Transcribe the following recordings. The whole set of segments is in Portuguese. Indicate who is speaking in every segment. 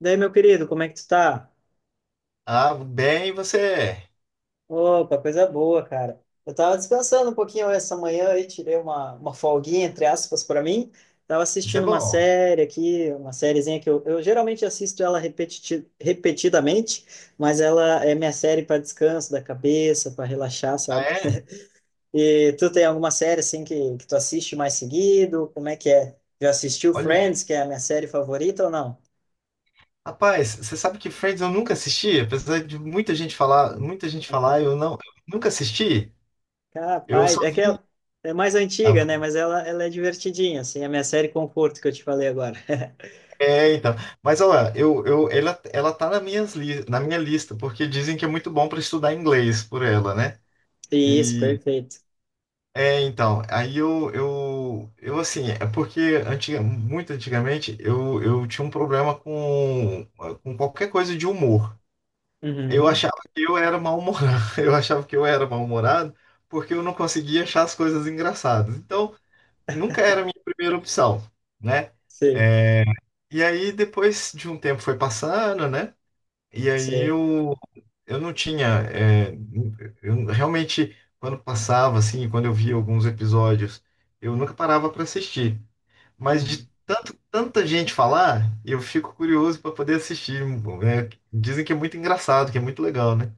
Speaker 1: Daí, meu querido, como é que tu tá?
Speaker 2: Ah, bem, você é.
Speaker 1: Opa, coisa boa, cara. Eu tava descansando um pouquinho essa manhã e tirei uma folguinha, entre aspas, para mim. Tava
Speaker 2: Isso é
Speaker 1: assistindo uma
Speaker 2: bom.
Speaker 1: série aqui, uma sériezinha que eu geralmente assisto ela repetiti repetidamente, mas ela é minha série para descanso da cabeça, para relaxar,
Speaker 2: Ah,
Speaker 1: sabe?
Speaker 2: é?
Speaker 1: E tu tem alguma série assim que tu assiste mais seguido? Como é que é? Já assistiu
Speaker 2: Olha,
Speaker 1: Friends, que é a minha série favorita ou não?
Speaker 2: rapaz, você sabe que Friends eu nunca assisti, apesar de muita gente falar, eu nunca assisti. Eu
Speaker 1: Capaz,
Speaker 2: só
Speaker 1: é que
Speaker 2: vi.
Speaker 1: ela é mais antiga,
Speaker 2: Ah,
Speaker 1: né? Mas ela é divertidinha, assim, é a minha série Conforto que eu te falei agora.
Speaker 2: é, então. Mas olha, ela tá na minha lista, porque dizem que é muito bom para estudar inglês por ela, né?
Speaker 1: Isso,
Speaker 2: E
Speaker 1: perfeito.
Speaker 2: é, então, aí eu assim, é porque muito antigamente eu tinha um problema com qualquer coisa de humor. Eu
Speaker 1: Uhum.
Speaker 2: achava que eu era mal-humorado. Eu achava que eu era mal-humorado porque eu não conseguia achar as coisas engraçadas. Então, nunca era a minha primeira opção, né?
Speaker 1: Sim,
Speaker 2: E aí, depois de um tempo foi passando, né? E aí
Speaker 1: sim.
Speaker 2: eu não tinha. Eu realmente, quando passava, assim, quando eu via alguns episódios, eu nunca parava para assistir. Mas de
Speaker 1: Uhum.
Speaker 2: tanto, tanta gente falar, eu fico curioso para poder assistir. Né? Dizem que é muito engraçado, que é muito legal, né?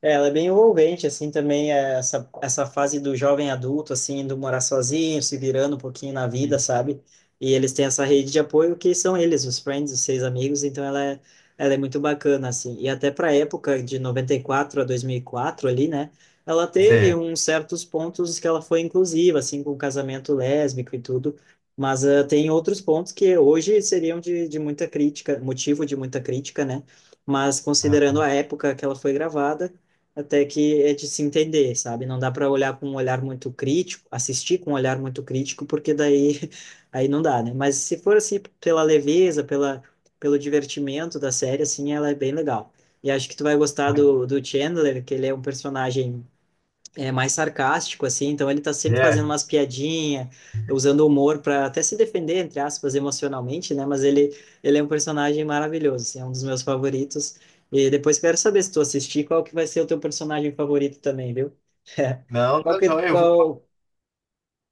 Speaker 1: É, ela é bem envolvente, assim, também é essa fase do jovem adulto, assim, do morar sozinho, se virando um pouquinho na
Speaker 2: E-
Speaker 1: vida, sabe? E eles têm essa rede de apoio que são eles, os friends, os seis amigos, então ela é muito bacana, assim. E até pra época de 94 a 2004 ali, né? Ela teve
Speaker 2: Zé.
Speaker 1: uns certos pontos que ela foi inclusiva, assim, com o casamento lésbico e tudo, mas tem outros pontos que hoje seriam de muita crítica, motivo de muita crítica, né? Mas considerando a época que ela foi gravada, até que é de se entender, sabe? Não dá para olhar com um olhar muito crítico, assistir com um olhar muito crítico, porque daí aí não dá, né? Mas se for assim pela leveza, pela pelo divertimento da série, assim, ela é bem legal. E acho que tu vai gostar
Speaker 2: Ai,
Speaker 1: do, do Chandler, que ele é um personagem é mais sarcástico, assim, então ele tá sempre fazendo
Speaker 2: é,
Speaker 1: umas piadinhas, usando humor para até se defender, entre aspas, emocionalmente, né? Mas ele é um personagem maravilhoso, assim, é um dos meus favoritos. E depois quero saber se tu assistir, qual que vai ser o teu personagem favorito também, viu?
Speaker 2: não,
Speaker 1: Qual
Speaker 2: tá
Speaker 1: que,
Speaker 2: joia, eu vou.
Speaker 1: qual,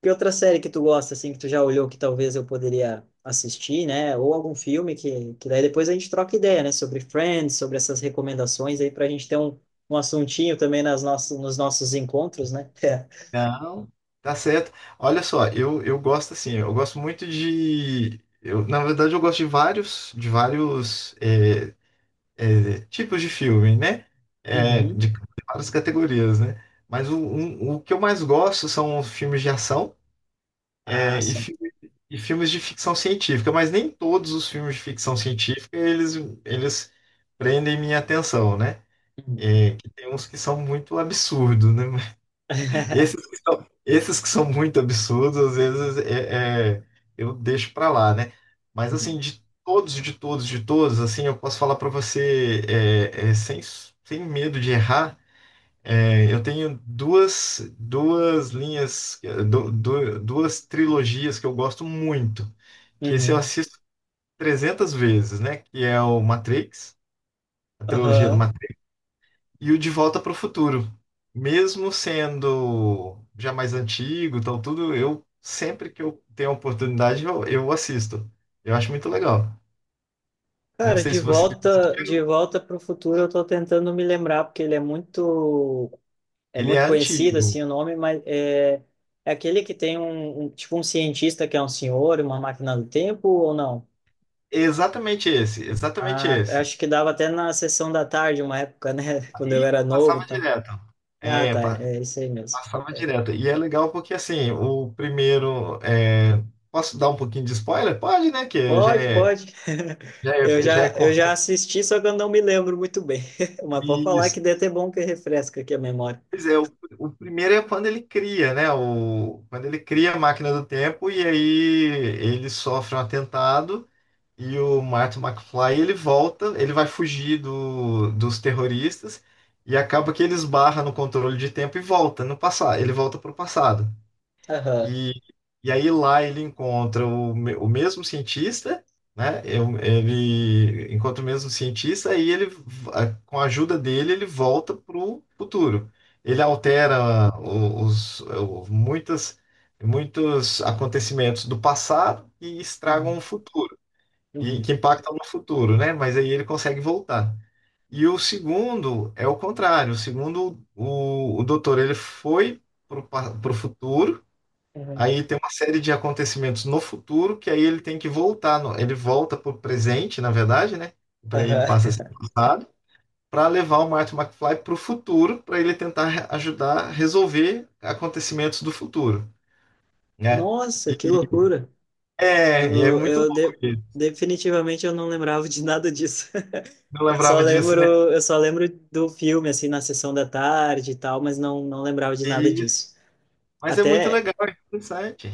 Speaker 1: que outra série que tu gosta, assim, que tu já olhou que talvez eu poderia assistir, né? Ou algum filme que daí depois a gente troca ideia, né? Sobre Friends, sobre essas recomendações aí, pra gente ter um assuntinho também nas nossas, nos nossos encontros, né?
Speaker 2: Não, tá certo. Olha só, eu gosto assim, eu gosto muito de. Eu, na verdade, eu gosto de vários tipos de filme, né? É,
Speaker 1: Uhum.
Speaker 2: de várias categorias, né? Mas o que eu mais gosto são filmes de ação
Speaker 1: Ah,
Speaker 2: é, e,
Speaker 1: sim.
Speaker 2: fi- e filmes de ficção científica, mas nem todos os filmes de ficção científica eles prendem minha atenção, né?
Speaker 1: Uhum.
Speaker 2: É, que tem uns que são muito absurdos, né? Esses que são muito absurdos, às vezes eu deixo pra lá, né? Mas
Speaker 1: Uhum.
Speaker 2: assim, de todos, assim, eu posso falar pra você sem medo de errar. Eu tenho duas, duas linhas, é, du- du- duas trilogias que eu gosto muito, que esse eu
Speaker 1: Uhum.
Speaker 2: assisto 300 vezes, né? Que é o Matrix, a trilogia do
Speaker 1: Aham.
Speaker 2: e o De Volta para o Futuro. Mesmo sendo já mais antigo, tal tudo, eu sempre que eu tenho a oportunidade, eu assisto. Eu acho muito legal. Não
Speaker 1: Cara,
Speaker 2: sei se você assistiu,
Speaker 1: de volta para o futuro, eu tô tentando me lembrar porque ele é
Speaker 2: ele
Speaker 1: muito
Speaker 2: é
Speaker 1: conhecido
Speaker 2: antigo.
Speaker 1: assim o nome, mas é, é aquele que tem um, tipo um cientista que é um senhor, uma máquina do tempo ou não?
Speaker 2: Exatamente esse, exatamente
Speaker 1: Ah,
Speaker 2: esse.
Speaker 1: acho que dava até na sessão da tarde, uma época, né? Quando eu
Speaker 2: E
Speaker 1: era novo, e
Speaker 2: passava
Speaker 1: tal.
Speaker 2: direto.
Speaker 1: Ah,
Speaker 2: É,
Speaker 1: tá, é isso aí mesmo.
Speaker 2: passava direto. E é legal porque assim, o primeiro é, posso dar um pouquinho de spoiler? Pode, né? Que já
Speaker 1: Pode,
Speaker 2: é
Speaker 1: pode.
Speaker 2: já é, já é
Speaker 1: Eu já assisti, só que eu não me lembro muito bem. Mas vou falar
Speaker 2: consenso.
Speaker 1: que deve ter bom que refresca aqui a memória.
Speaker 2: Pois é, o primeiro é quando ele cria, né? Quando ele cria a máquina do tempo e aí ele sofre um atentado e o Martin McFly ele volta, ele vai fugir dos terroristas e acaba que ele esbarra no controle de tempo e volta no passado, ele volta para o passado.
Speaker 1: Aham.
Speaker 2: E, e aí lá ele encontra o mesmo cientista, né? Ele encontra o mesmo cientista e com a ajuda dele, ele volta para o futuro. Ele altera muitos acontecimentos do passado e estragam o
Speaker 1: Uhum.
Speaker 2: futuro, e
Speaker 1: Uhum.
Speaker 2: que impactam no futuro, né? Mas aí ele consegue voltar. E o segundo é o contrário. O segundo, o doutor, ele foi para o futuro.
Speaker 1: Uhum.
Speaker 2: Aí tem uma série de acontecimentos no futuro que aí ele tem que voltar, ele volta para o presente, na verdade, né? Para ele passa a
Speaker 1: Aham.
Speaker 2: ser passado, para levar o Marty McFly para o futuro, para ele tentar ajudar a resolver acontecimentos do futuro, né?
Speaker 1: Nossa,
Speaker 2: E
Speaker 1: que
Speaker 2: e
Speaker 1: loucura.
Speaker 2: e é
Speaker 1: Eu,
Speaker 2: muito
Speaker 1: eu
Speaker 2: louco,
Speaker 1: de-
Speaker 2: ele
Speaker 1: definitivamente eu não lembrava de nada disso.
Speaker 2: não lembrava disso, né?
Speaker 1: Eu só lembro do filme assim na sessão da tarde e tal, mas não lembrava de nada
Speaker 2: E-
Speaker 1: disso.
Speaker 2: mas é muito
Speaker 1: Até
Speaker 2: legal, é interessante.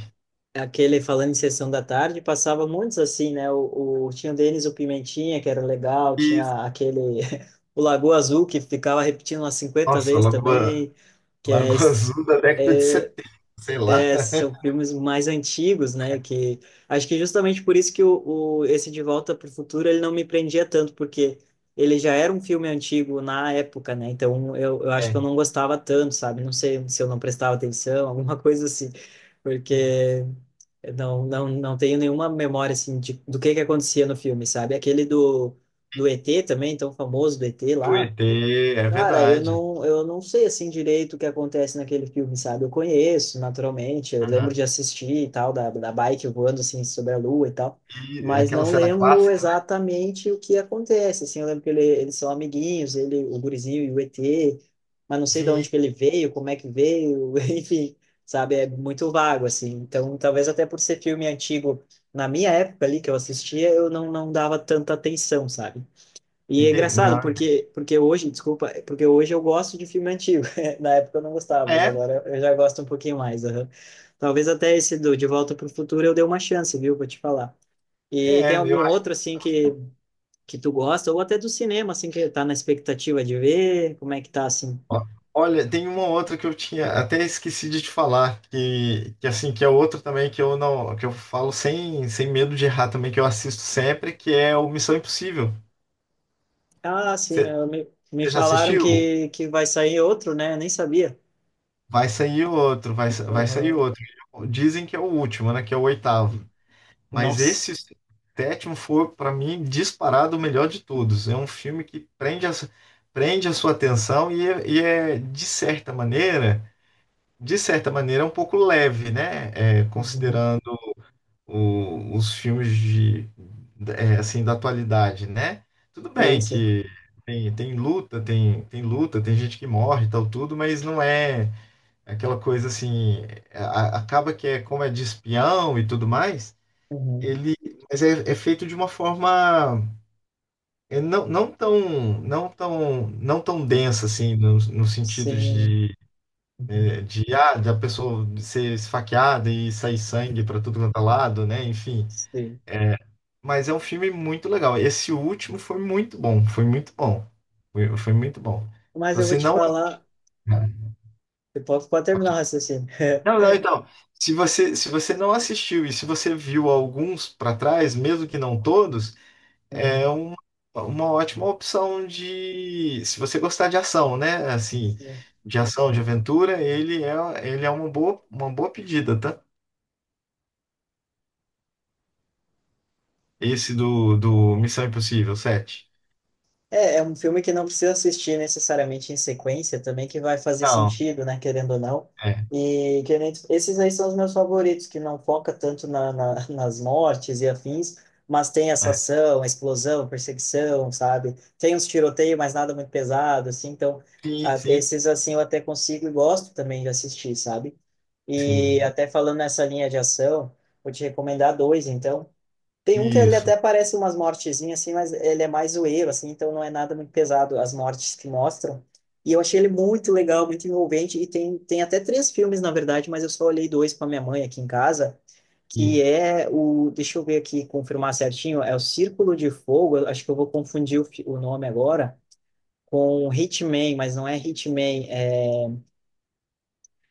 Speaker 1: aquele falando em sessão da tarde, passava muitos assim, né? Tinha o Denis o Pimentinha, que era legal,
Speaker 2: E,
Speaker 1: tinha aquele. O Lagoa Azul, que ficava repetindo umas 50
Speaker 2: nossa,
Speaker 1: vezes
Speaker 2: Lagoa,
Speaker 1: também, que é,
Speaker 2: Lagoa
Speaker 1: es-
Speaker 2: Azul da década de 70, sei lá.
Speaker 1: é, são filmes mais antigos, né? Que acho que justamente por isso que esse De Volta para o Futuro ele não me prendia tanto, porque ele já era um filme antigo na época, né? Então eu acho que
Speaker 2: É,
Speaker 1: eu não gostava tanto, sabe? Não sei se eu não prestava atenção, alguma coisa assim, porque eu não tenho nenhuma memória assim de, do que acontecia no filme, sabe? Aquele do ET também, tão famoso do ET
Speaker 2: do
Speaker 1: lá.
Speaker 2: ET, é
Speaker 1: Cara,
Speaker 2: verdade.
Speaker 1: eu não sei assim direito o que acontece naquele filme, sabe? Eu conheço, naturalmente, eu lembro de assistir e tal, da bike voando assim sobre a lua e tal,
Speaker 2: E
Speaker 1: mas
Speaker 2: aquela
Speaker 1: não
Speaker 2: cena
Speaker 1: lembro
Speaker 2: clássica, né?
Speaker 1: exatamente o que acontece, assim, eu lembro que ele, eles são amiguinhos, ele, o gurizinho e o ET, mas não sei de
Speaker 2: Sim,
Speaker 1: onde que ele veio, como é que veio, enfim, sabe? É muito vago, assim, então talvez até por ser filme antigo, na minha época ali que eu assistia, eu não dava tanta atenção, sabe? E é
Speaker 2: entendi.
Speaker 1: engraçado,
Speaker 2: Não.
Speaker 1: porque hoje eu gosto de filme antigo. Na época eu não gostava, mas
Speaker 2: É,
Speaker 1: agora eu já gosto um pouquinho mais. Aham. Talvez até esse do De Volta para o Futuro eu dê uma chance, viu? Vou te falar. E tem
Speaker 2: eu
Speaker 1: algum outro,
Speaker 2: acho.
Speaker 1: assim, que tu gosta, ou até do cinema, assim, que tá na expectativa de ver? Como é que tá, assim?
Speaker 2: ó, Olha, tem uma outra que eu tinha até esqueci de te falar, que assim, que é outra também que eu não, que eu falo sem medo de errar também, que eu assisto sempre, que é o Missão Impossível.
Speaker 1: Ah, sim,
Speaker 2: Você
Speaker 1: me
Speaker 2: você já
Speaker 1: falaram
Speaker 2: assistiu?
Speaker 1: que vai sair outro, né? Eu nem sabia.
Speaker 2: Vai sair outro, vai sair
Speaker 1: Aham.
Speaker 2: outro. Dizem que é o último, né? Que é o oitavo. Mas
Speaker 1: Nossa.
Speaker 2: esse sétimo foi, para mim, disparado o melhor de todos. É um filme que prende a sua atenção e é, de certa maneira, é um pouco leve, né? É,
Speaker 1: Uhum.
Speaker 2: considerando os filmes de, assim, da atualidade, né? Tudo
Speaker 1: E aí,
Speaker 2: bem
Speaker 1: sim.
Speaker 2: que tem luta, tem luta, tem gente que morre e tal, tudo, mas não é aquela coisa assim. a- Acaba que é como é de espião e tudo mais.
Speaker 1: Uhum.
Speaker 2: Ele, mas é feito de uma forma não, não tão densa assim no sentido
Speaker 1: Sim.
Speaker 2: de
Speaker 1: Uhum.
Speaker 2: da pessoa ser esfaqueada e sair sangue para tudo quanto é lado, né? Enfim,
Speaker 1: Sim.
Speaker 2: é, mas é um filme muito legal. Esse último foi muito bom, foi muito bom, foi muito bom. Se
Speaker 1: Mas eu vou
Speaker 2: você
Speaker 1: te
Speaker 2: não
Speaker 1: falar. Eu posso, pode terminar o raciocínio.
Speaker 2: não, não, então, se você não assistiu e se você viu alguns para trás, mesmo que não todos. É
Speaker 1: Uhum.
Speaker 2: uma ótima opção de, se você gostar de ação, né? Assim,
Speaker 1: Sim.
Speaker 2: de ação, de aventura, ele é uma boa pedida, tá? Esse do Missão Impossível sete.
Speaker 1: É, é um filme que não precisa assistir necessariamente em sequência também, que vai fazer
Speaker 2: Não,
Speaker 1: sentido, né, querendo ou não.
Speaker 2: é,
Speaker 1: E que nem esses aí são os meus favoritos, que não foca tanto nas mortes e afins, mas tem essa
Speaker 2: é.
Speaker 1: ação, explosão, perseguição, sabe? Tem uns tiroteios, mas nada muito pesado, assim. Então,
Speaker 2: Sim, sim,
Speaker 1: esses assim eu até consigo e gosto também de assistir, sabe? E
Speaker 2: sim.
Speaker 1: até falando nessa linha de ação, vou te recomendar dois, então. Tem um que ele
Speaker 2: Isso.
Speaker 1: até parece umas mortezinhas, assim, mas ele é mais zoeiro, assim, então não é nada muito pesado as mortes que mostram. E eu achei ele muito legal, muito envolvente, e tem até três filmes, na verdade, mas eu só olhei dois para minha mãe aqui em casa, que
Speaker 2: E,
Speaker 1: é o, deixa eu ver aqui, confirmar certinho, é o Círculo de Fogo, eu acho que eu vou confundir o nome agora, com Hitman, mas não é Hitman,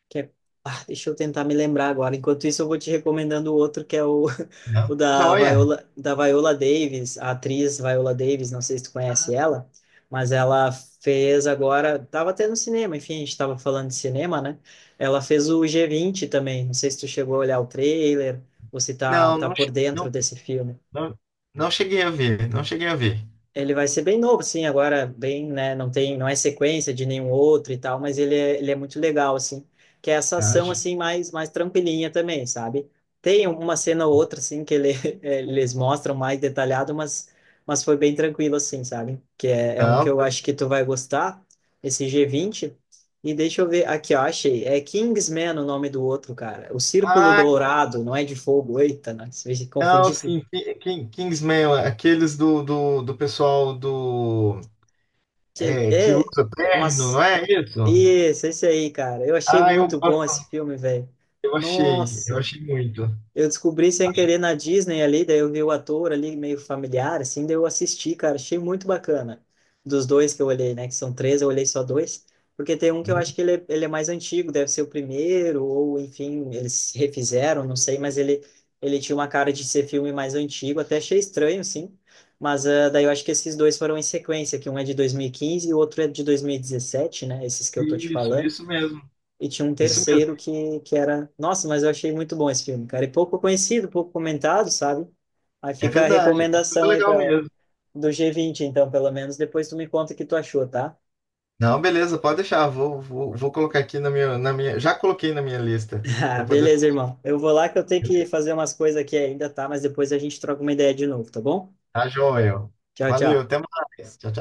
Speaker 1: que é- ah, deixa eu tentar me lembrar agora. Enquanto isso, eu vou te recomendando o outro, que é o,
Speaker 2: não,
Speaker 1: o
Speaker 2: joia.
Speaker 1: Da Viola Davis, a atriz Viola Davis, não sei se tu conhece ela, mas ela fez agora, tava até no cinema, enfim, a gente tava falando de cinema, né? Ela fez o G20 também, não sei se tu chegou a olhar o trailer, ou se
Speaker 2: Não,
Speaker 1: tá
Speaker 2: não,
Speaker 1: por dentro
Speaker 2: não,
Speaker 1: desse filme.
Speaker 2: não, não cheguei a ver, não cheguei a ver.
Speaker 1: Ele vai ser bem novo, sim, agora bem, né, não tem, não é sequência de nenhum outro e tal, mas ele é muito legal, assim, que é essa
Speaker 2: Ah,
Speaker 1: ação, assim, mais tranquilinha também, sabe? Tem uma cena ou outra, assim, que ele, eles mostram mais detalhado, mas foi bem tranquilo, assim, sabe? Que é, é um que
Speaker 2: não.
Speaker 1: eu acho que tu vai gostar, esse G20 e deixa eu ver, aqui, ó, achei, é Kingsman o nome do outro, cara, o Círculo
Speaker 2: Ah,
Speaker 1: Dourado, não é de fogo, eita, não, se
Speaker 2: não,
Speaker 1: confundi, tudo.
Speaker 2: sim, Kingsman, aqueles do pessoal do.
Speaker 1: Que
Speaker 2: É, que
Speaker 1: é
Speaker 2: usa terno, não
Speaker 1: umas.
Speaker 2: é isso?
Speaker 1: Isso, esse aí, cara. Eu achei
Speaker 2: Ah, eu
Speaker 1: muito bom esse
Speaker 2: gosto,
Speaker 1: filme, velho.
Speaker 2: eu achei, eu
Speaker 1: Nossa.
Speaker 2: achei muito.
Speaker 1: Eu descobri sem querer na Disney ali, daí eu vi o ator ali meio familiar, assim, daí eu assisti, cara, achei muito bacana. Dos dois que eu olhei, né, que são três, eu olhei só dois, porque tem um que eu acho que ele é mais antigo, deve ser o primeiro, ou enfim, eles refizeram, não sei, mas ele tinha uma cara de ser filme mais antigo, até achei estranho, sim, mas ah, daí eu acho que esses dois foram em sequência, que um é de 2015 e quinze e o outro é de 2017, né, esses que eu tô te
Speaker 2: Isso,
Speaker 1: falando.
Speaker 2: isso mesmo,
Speaker 1: E tinha um
Speaker 2: isso mesmo.
Speaker 1: terceiro que era. Nossa, mas eu achei muito bom esse filme, cara. E pouco conhecido, pouco comentado, sabe? Aí
Speaker 2: É
Speaker 1: fica a
Speaker 2: verdade, é muito
Speaker 1: recomendação aí
Speaker 2: legal
Speaker 1: pra,
Speaker 2: mesmo.
Speaker 1: do G20, então, pelo menos. Depois tu me conta o que tu achou, tá?
Speaker 2: Não, beleza, pode deixar, vou colocar aqui já coloquei na minha lista,
Speaker 1: Ah,
Speaker 2: para poder,
Speaker 1: beleza, irmão. Eu vou lá que eu tenho que fazer umas coisas aqui ainda, tá? Mas depois a gente troca uma ideia de novo, tá bom?
Speaker 2: tá, joia.
Speaker 1: Tchau,
Speaker 2: Valeu,
Speaker 1: tchau.
Speaker 2: até mais, tchau,